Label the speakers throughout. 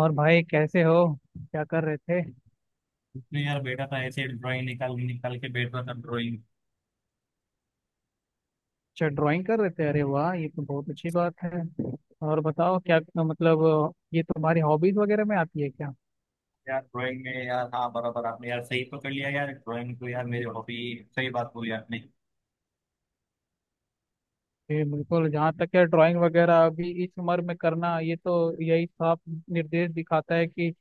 Speaker 1: और भाई कैसे हो? क्या कर रहे थे?
Speaker 2: तो यार बैठा था ऐसे ड्राइंग निकाल निकाल के बैठा था ड्राइंग।
Speaker 1: अच्छा, ड्राइंग कर रहे थे। अरे वाह, ये तो बहुत अच्छी बात है। और बताओ क्या, मतलब ये तुम्हारी हॉबीज वगैरह में आती है क्या?
Speaker 2: यार ड्राइंग में यार, हाँ बराबर आपने यार सही पकड़ लिया, यार ड्राइंग तो यार मेरी हॉबी। सही बात बोली आपने।
Speaker 1: ये बिल्कुल, जहाँ तक है ड्राइंग वगैरह अभी इस उम्र में करना, ये तो यही साफ निर्देश दिखाता है कि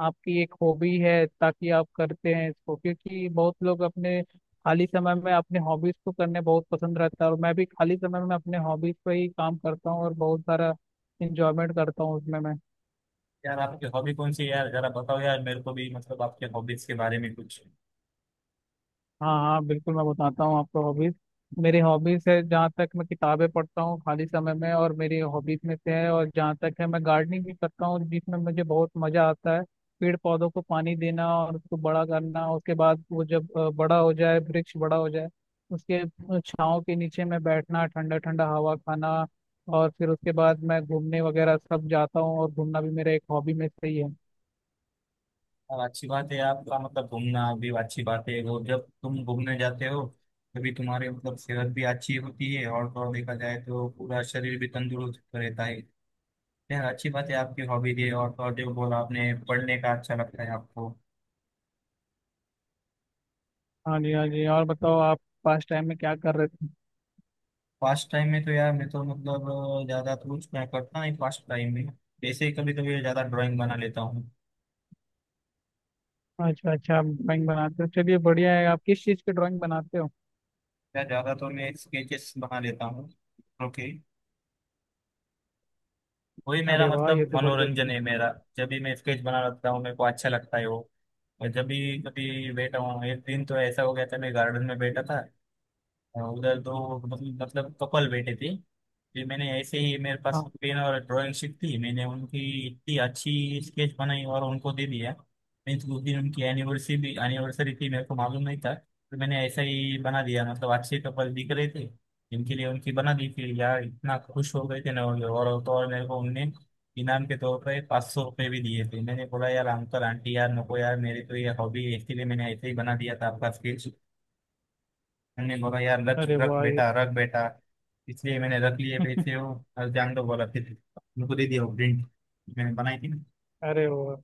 Speaker 1: आपकी एक हॉबी है, ताकि आप करते हैं इसको। क्योंकि बहुत लोग अपने खाली समय में अपने हॉबीज को करने बहुत पसंद रहता है, और मैं भी खाली समय में अपने हॉबीज पर ही काम करता हूँ और बहुत सारा इंजॉयमेंट करता हूँ उसमें मैं।
Speaker 2: यार आपकी हॉबी कौन सी है यार, जरा बताओ यार, मेरे को भी मतलब आपके हॉबीज के बारे में कुछ।
Speaker 1: हाँ हाँ, बिल्कुल, मैं बताता हूँ आपको हॉबीज। मेरी हॉबीज है, जहाँ तक मैं किताबें पढ़ता हूँ खाली समय में, और मेरी हॉबीज में से है। और जहाँ तक है, मैं गार्डनिंग भी करता हूँ जिसमें मुझे बहुत मजा आता है। पेड़ पौधों को पानी देना और उसको बड़ा करना, उसके बाद वो जब बड़ा हो जाए, वृक्ष बड़ा हो जाए, उसके छांव के नीचे मैं बैठना, ठंडा ठंडा हवा खाना। और फिर उसके बाद मैं घूमने वगैरह सब जाता हूँ, और घूमना भी मेरा एक हॉबी में से ही है।
Speaker 2: यार अच्छी बात है आपका, मतलब घूमना भी अच्छी बात है। वो जब तुम घूमने जाते हो तभी तुम्हारी मतलब सेहत भी अच्छी होती है, और तो और देखा जाए तो पूरा शरीर भी तंदुरुस्त रहता है। यार अच्छी बात है आपकी हॉबी है, और तो और जो बोला आपने पढ़ने का अच्छा लगता है आपको।
Speaker 1: हाँ जी, हाँ जी। और बताओ, आप पास टाइम में क्या कर रहे थे?
Speaker 2: फास्ट टाइम में तो यार मैं तो मतलब ज्यादा तो कुछ मैं करता नहीं फास्ट टाइम में। वैसे ही कभी कभी ज्यादा ड्राइंग बना लेता हूँ।
Speaker 1: अच्छा अच्छा, आप ड्राइंग बनाते हो, चलिए बढ़िया है। आप किस चीज़ की ड्राइंग बनाते हो?
Speaker 2: या ज्यादा तो मैं स्केचेस बना लेता हूँ। ओके। वही मेरा
Speaker 1: अरे वाह,
Speaker 2: मतलब
Speaker 1: ये तो बढ़िया।
Speaker 2: मनोरंजन है मेरा। जब भी मैं स्केच बना लेता हूँ मेरे को अच्छा लगता है वो। और जब भी कभी बैठा हूँ, एक दिन तो ऐसा हो गया था, मैं गार्डन में बैठा था। उधर दो मतलब कपल बैठे थे। फिर मैंने ऐसे ही, मेरे पास
Speaker 1: हाँ।
Speaker 2: पेन और ड्राइंग शीट थी, मैंने उनकी इतनी अच्छी स्केच बनाई और उनको दे दिया। मीन्स उस दिन उनकी एनिवर्सरी थी, मेरे को मालूम नहीं था, तो मैंने ऐसा ही बना दिया, मतलब अच्छे कपल दिख रहे थे जिनके लिए उनकी बना दी थी, यार इतना खुश हो गए थे ना वो लोग। और तो और मेरे को उनने इनाम के तौर पर 500 रुपये भी दिए थे। मैंने बोला यार अंकल आंटी, यार नको यार, मेरे तो ये हॉबी है, इसके लिए मैंने ऐसे ही बना दिया था आपका स्केच। मैंने बोला यार रख
Speaker 1: अरे
Speaker 2: रख
Speaker 1: वाह, ये
Speaker 2: बेटा रख बेटा। इसलिए मैंने रख लिए पैसे हो। और जान दो बोला फिर। उनको दे दिया वो प्रिंट मैंने बनाई थी ना।
Speaker 1: अरे वाह,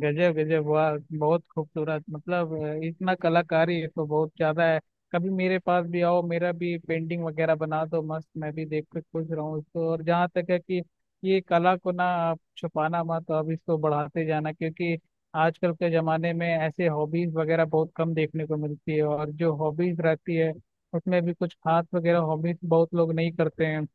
Speaker 1: गजब गजब, वाह, बहुत खूबसूरत। मतलब इतना कलाकारी है तो बहुत ज्यादा है। कभी मेरे पास भी आओ, मेरा भी पेंटिंग वगैरह बना दो मस्त, मैं भी देख के खुश रहूँ इसको। और जहाँ तक है कि ये कला को ना आप छुपाना मत, अब इसको बढ़ाते जाना, क्योंकि आजकल के जमाने में ऐसे हॉबीज वगैरह बहुत कम देखने को मिलती है, और जो हॉबीज रहती है उसमें भी कुछ खास वगैरह हॉबीज बहुत लोग नहीं करते हैं।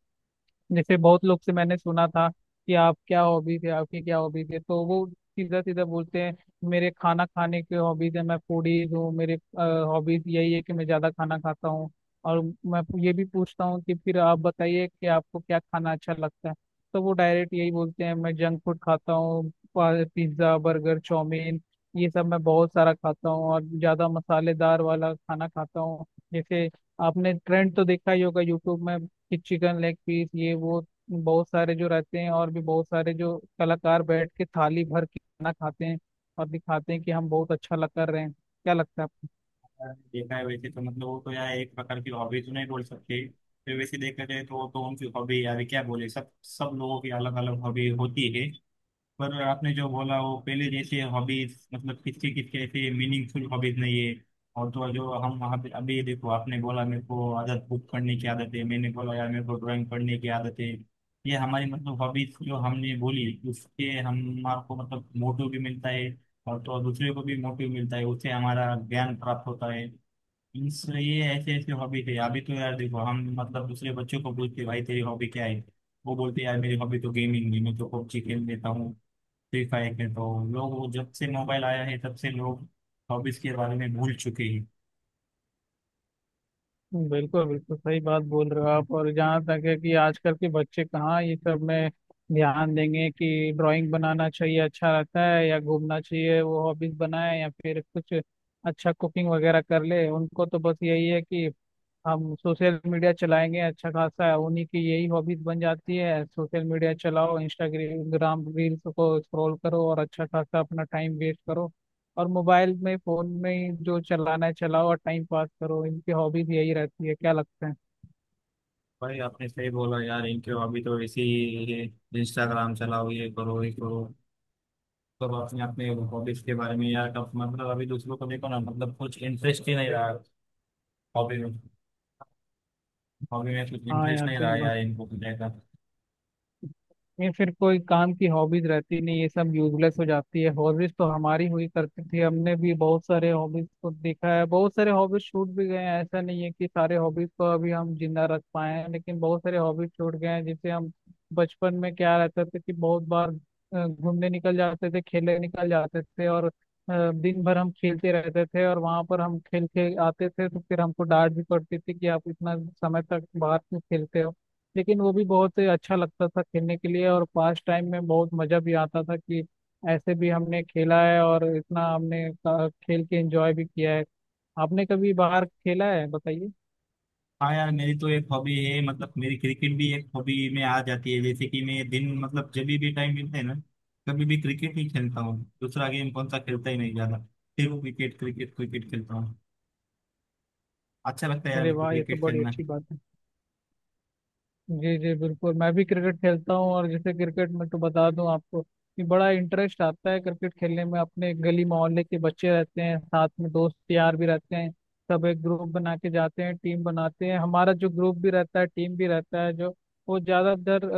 Speaker 1: जैसे बहुत लोग से मैंने सुना था कि आप क्या हॉबीज है, आपकी क्या हॉबीज है, तो वो सीधा सीधा बोलते हैं मेरे खाना खाने के हॉबीज है, मैं फूडीज हूँ, मेरे हॉबीज यही है कि मैं ज्यादा खाना खाता हूँ। और मैं ये भी पूछता हूँ कि फिर आप बताइए कि आपको क्या खाना अच्छा लगता है, तो वो डायरेक्ट यही बोलते हैं मैं जंक फूड खाता हूँ, पिज्ज़ा, बर्गर, चाउमीन, ये सब मैं बहुत सारा खाता हूँ और ज्यादा मसालेदार वाला खाना खाता हूँ। जैसे आपने ट्रेंड तो देखा ही होगा यूट्यूब में कि चिकन लेग पीस ये वो बहुत सारे जो रहते हैं, और भी बहुत सारे जो कलाकार बैठ के थाली भर के खाना खाते हैं और दिखाते हैं कि हम बहुत अच्छा लग कर रहे हैं। क्या लगता है आपको?
Speaker 2: देखा है वैसे तो, मतलब वो तो यार एक प्रकार की हॉबी तो नहीं बोल सकते। फिर वैसे देखा जाए तो वो तो उनकी हॉबी, यार क्या बोले, सब सब लोगों की अलग अलग हॉबी होती है। पर आपने जो बोला वो पहले जैसे हॉबीज, मतलब किसके किसके ऐसे मीनिंगफुल हॉबीज नहीं है। और तो और जो हम वहाँ पे अभी देखो, आपने बोला मेरे को आदत बुक पढ़ने की आदत है, मैंने बोला यार मेरे को ड्राइंग पढ़ने की आदत है। ये हमारी मतलब हॉबीज जो हमने बोली उससे हमारे को मतलब मोटिव भी मिलता है, और तो और दूसरे को भी मोटिव मिलता है, उससे हमारा ज्ञान प्राप्त होता है। इस ये ऐसे ऐसे हॉबी थे। अभी तो यार देखो हम मतलब दूसरे बच्चों को पूछते भाई तेरी हॉबी क्या है, वो बोलते यार मेरी हॉबी तो गेमिंग है, मैं तो पबजी खेल लेता हूँ, फ्री फायर के तो। लोग वो जब से मोबाइल आया है तब से लोग हॉबीज के बारे में भूल चुके हैं।
Speaker 1: बिल्कुल बिल्कुल सही बात बोल रहे हो आप। और जहाँ तक है कि आजकल के बच्चे कहाँ ये सब में ध्यान देंगे कि ड्राइंग बनाना चाहिए, अच्छा रहता है, या घूमना चाहिए वो हॉबीज बनाए, या फिर कुछ अच्छा कुकिंग वगैरह कर ले। उनको तो बस यही है कि हम सोशल मीडिया चलाएंगे अच्छा खासा, उन्हीं की यही हॉबीज बन जाती है सोशल मीडिया चलाओ, इंस्टाग्राम रील्स को स्क्रॉल करो और अच्छा खासा अपना टाइम वेस्ट करो, और मोबाइल में फोन में ही जो चलाना है चलाओ और टाइम पास करो। इनकी हॉबीज यही रहती है, क्या लगता है?
Speaker 2: भाई आपने सही बोला यार, इनके हॉबी तो ऐसी ही है। इंस्टाग्राम चलाओ, ये करो ये करो, सब अपने अपने हॉबीज के बारे में यार कब मतलब अभी दूसरों को देखो ना, मतलब कुछ इंटरेस्ट ही नहीं रहा हॉबी में। हॉबी में कुछ
Speaker 1: हाँ
Speaker 2: इंटरेस्ट
Speaker 1: यार,
Speaker 2: नहीं
Speaker 1: सही
Speaker 2: रहा
Speaker 1: बात।
Speaker 2: यार, इनको कुछ ऐसा।
Speaker 1: ये फिर कोई काम की हॉबीज रहती नहीं, ये सब यूजलेस हो जाती है। हॉबीज तो हमारी हुई करती थी, हमने भी बहुत सारे हॉबीज को देखा है, बहुत सारे हॉबीज छूट भी गए हैं। ऐसा नहीं है कि सारे हॉबीज को अभी हम जिंदा रख पाए हैं, लेकिन बहुत सारे हॉबीज छूट गए हैं जिसे हम बचपन में क्या रहता था कि बहुत बार घूमने निकल जाते थे, खेलने निकल जाते थे, और दिन भर हम खेलते रहते थे, और वहां पर हम खेल के आते थे तो फिर हमको डांट भी पड़ती थी कि आप इतना समय तक बाहर क्यों खेलते हो। लेकिन वो भी बहुत अच्छा लगता था खेलने के लिए, और पास टाइम में बहुत मजा भी आता था कि ऐसे भी हमने खेला है, और इतना हमने खेल के एंजॉय भी किया है। आपने कभी बाहर खेला है, बताइए?
Speaker 2: हाँ यार मेरी तो एक हॉबी है मतलब, मेरी क्रिकेट भी एक हॉबी में आ जाती है। जैसे कि मैं दिन मतलब जब भी टाइम मिलता है ना, कभी भी क्रिकेट ही खेलता हूँ, दूसरा गेम कौन सा खेलता ही नहीं ज्यादा। फिर वो क्रिकेट क्रिकेट क्रिकेट खेलता हूँ। अच्छा लगता है यार
Speaker 1: अरे
Speaker 2: मेरे को
Speaker 1: वाह, ये तो
Speaker 2: क्रिकेट
Speaker 1: बड़ी
Speaker 2: खेलना।
Speaker 1: अच्छी बात है। जी जी, बिल्कुल, मैं भी क्रिकेट खेलता हूँ। और जैसे क्रिकेट में तो बता दूं आपको कि बड़ा इंटरेस्ट आता है क्रिकेट खेलने में, अपने गली मोहल्ले के बच्चे रहते हैं साथ में, दोस्त यार भी रहते हैं, सब एक ग्रुप बना के जाते हैं, टीम बनाते हैं। हमारा जो ग्रुप भी रहता है, टीम भी रहता है, जो वो ज़्यादातर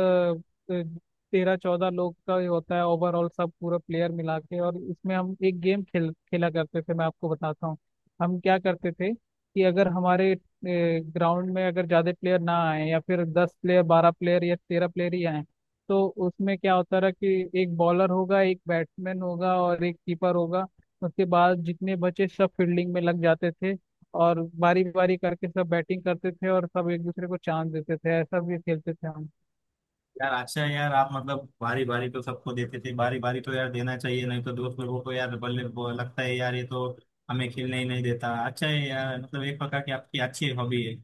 Speaker 1: 13 14 लोग का ही होता है ओवरऑल, सब पूरा प्लेयर मिला के। और इसमें हम एक गेम खेल खेला करते थे, मैं आपको बताता हूँ। हम क्या करते थे कि अगर हमारे ग्राउंड में अगर ज्यादा प्लेयर ना आए, या फिर 10 प्लेयर, 12 प्लेयर या 13 प्लेयर ही आए, तो उसमें क्या होता रहा कि एक बॉलर होगा, एक बैट्समैन होगा और एक कीपर होगा, उसके बाद जितने बचे सब फील्डिंग में लग जाते थे। और बारी बारी करके सब बैटिंग करते थे और सब एक दूसरे को चांस देते थे, ऐसा भी खेलते थे हम।
Speaker 2: यार अच्छा है यार, आप मतलब बारी बारी तो सबको देते थे, बारी बारी तो यार देना चाहिए नहीं तो दोस्त लोगों को यार बल्ले वो लगता है यार ये तो हमें खेलने ही नहीं देता। अच्छा है यार, मतलब एक प्रकार की आपकी अच्छी हॉबी है।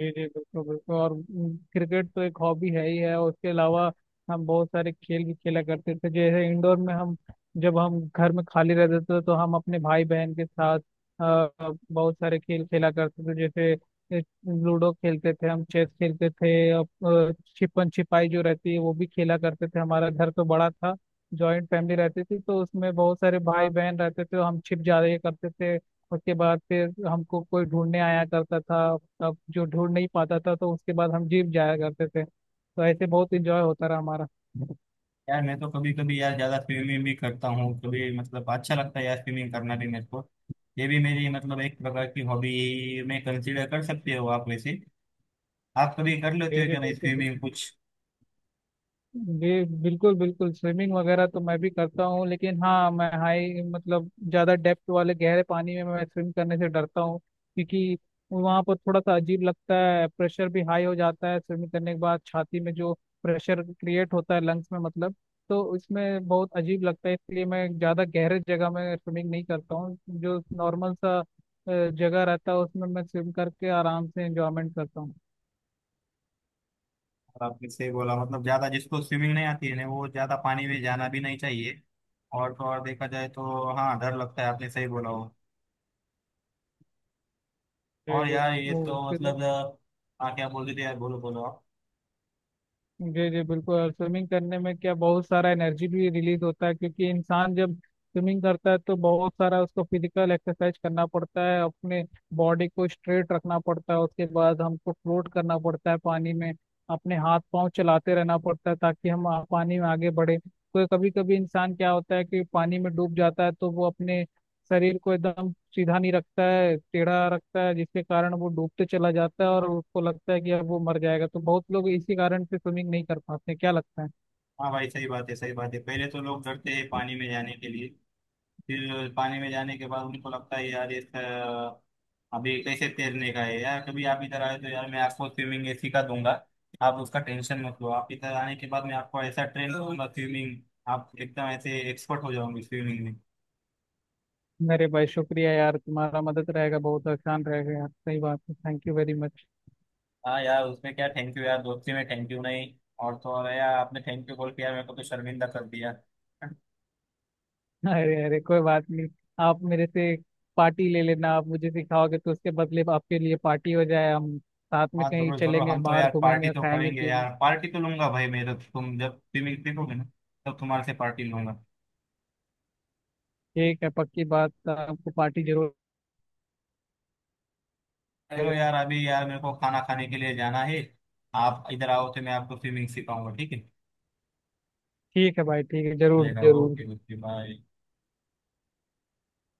Speaker 1: जी जी, बिल्कुल बिल्कुल। और क्रिकेट तो एक हॉबी है ही है, और उसके अलावा हम बहुत सारे खेल भी खेला करते थे, जैसे इंडोर में हम जब हम घर में खाली रहते थे तो हम अपने भाई बहन के साथ बहुत सारे खेल खेला करते थे, जैसे ए, लूडो खेलते थे हम, चेस खेलते थे, और छिपन छिपाई जो रहती है वो भी खेला करते थे। हमारा घर तो बड़ा था, जॉइंट फैमिली रहती थी, तो उसमें बहुत सारे भाई बहन रहते थे, हम छिप जाया करते थे, उसके बाद फिर हमको कोई ढूंढने आया करता था, अब जो ढूंढ नहीं पाता था, तो उसके बाद हम जिम जाया करते थे। तो ऐसे बहुत इंजॉय होता रहा हमारा।
Speaker 2: यार मैं तो कभी कभी यार ज्यादा स्विमिंग भी करता हूँ कभी, मतलब अच्छा लगता है यार स्विमिंग करना भी मेरे को। ये भी मेरी मतलब एक प्रकार की हॉबी में कंसीडर कर सकते हो आप। वैसे आप कभी कर लेते
Speaker 1: जी
Speaker 2: हो
Speaker 1: जी,
Speaker 2: क्या नहीं
Speaker 1: बिल्कुल
Speaker 2: स्विमिंग
Speaker 1: बिल्कुल।
Speaker 2: कुछ।
Speaker 1: जी, बिल्कुल बिल्कुल, स्विमिंग वगैरह तो मैं भी करता हूँ, लेकिन हाँ, मैं हाई मतलब ज़्यादा डेप्थ वाले गहरे पानी में मैं स्विम करने से डरता हूँ। क्योंकि वहाँ पर थोड़ा सा अजीब लगता है, प्रेशर भी हाई हो जाता है स्विमिंग करने के बाद, छाती में जो प्रेशर क्रिएट होता है लंग्स में, मतलब तो इसमें बहुत अजीब लगता है, इसलिए मैं ज़्यादा गहरे जगह में स्विमिंग नहीं करता हूँ। जो नॉर्मल सा जगह रहता है उसमें मैं स्विम करके आराम से इंजॉयमेंट करता हूँ।
Speaker 2: और आपने सही बोला, मतलब ज्यादा जिसको स्विमिंग नहीं आती है ना वो ज्यादा पानी में जाना भी नहीं चाहिए। और तो और देखा जाए तो हाँ डर लगता है, आपने सही बोला हो।
Speaker 1: जी
Speaker 2: और
Speaker 1: जी।
Speaker 2: यार ये
Speaker 1: वो
Speaker 2: तो
Speaker 1: फिर।
Speaker 2: मतलब। हाँ क्या बोल रहे थे यार, बोलो बोलो आप।
Speaker 1: जी जी, बिल्कुल। और स्विमिंग करने में क्या बहुत सारा एनर्जी भी रिलीज होता है, क्योंकि इंसान जब स्विमिंग करता है तो बहुत सारा उसको फिजिकल एक्सरसाइज करना पड़ता है, अपने बॉडी को स्ट्रेट रखना पड़ता है, उसके बाद हमको फ्लोट करना पड़ता है पानी में, अपने हाथ पांव चलाते रहना पड़ता है ताकि हम पानी में आगे बढ़े। तो कभी कभी इंसान क्या होता है कि पानी में डूब जाता है, तो वो अपने शरीर को एकदम सीधा नहीं रखता है, टेढ़ा रखता है, जिसके कारण वो डूबते चला जाता है और उसको लगता है कि अब वो मर जाएगा। तो बहुत लोग इसी कारण से स्विमिंग नहीं कर पाते, क्या लगता है?
Speaker 2: हाँ भाई सही बात है सही बात है, पहले तो लोग डरते हैं पानी में जाने के लिए। फिर पानी में जाने के बाद उनको लगता है यार ये अभी कैसे तैरने का है। यार कभी आप इधर आए तो यार मैं आपको स्विमिंग ऐसी सिखा दूंगा। आप उसका टेंशन मत लो, आप इधर आने के बाद मैं आपको ऐसा ट्रेन करूंगा स्विमिंग। आप एकदम ऐसे एक्सपर्ट हो जाओगे स्विमिंग में।
Speaker 1: मेरे भाई, शुक्रिया यार, तुम्हारा मदद रहेगा, बहुत आसान रहेगा यार, सही बात है, थैंक यू वेरी मच।
Speaker 2: हाँ यार उसमें क्या थैंक यू यार, दोस्ती में थैंक यू नहीं। और तो और यार आपने थैंक यू बोल के यार मेरे को तो शर्मिंदा कर दिया।
Speaker 1: अरे अरे, कोई बात नहीं। आप मेरे से पार्टी ले लेना, आप मुझे सिखाओगे तो उसके बदले आपके लिए पार्टी हो जाए, हम साथ में
Speaker 2: हाँ
Speaker 1: कहीं
Speaker 2: जरूर जरूर,
Speaker 1: चलेंगे,
Speaker 2: हम तो
Speaker 1: बाहर
Speaker 2: यार पार्टी
Speaker 1: घूमेंगे,
Speaker 2: तो
Speaker 1: खाएंगे,
Speaker 2: करेंगे
Speaker 1: पिएंगे।
Speaker 2: यार, पार्टी तो लूंगा भाई मैं तो, तुम जब स्विमिंग सीखोगे ना तब तुम्हारे से पार्टी लूंगा।
Speaker 1: ठीक है, पक्की बात, आपको पार्टी जरूर
Speaker 2: चलो
Speaker 1: आएगा।
Speaker 2: यार अभी यार मेरे को खाना खाने के लिए जाना है। आप इधर आओ तो मैं आपको स्विमिंग सिखाऊंगा, ठीक है।
Speaker 1: ठीक है भाई, ठीक है, जरूर
Speaker 2: चलेगा
Speaker 1: जरूर।
Speaker 2: Okay okay bye.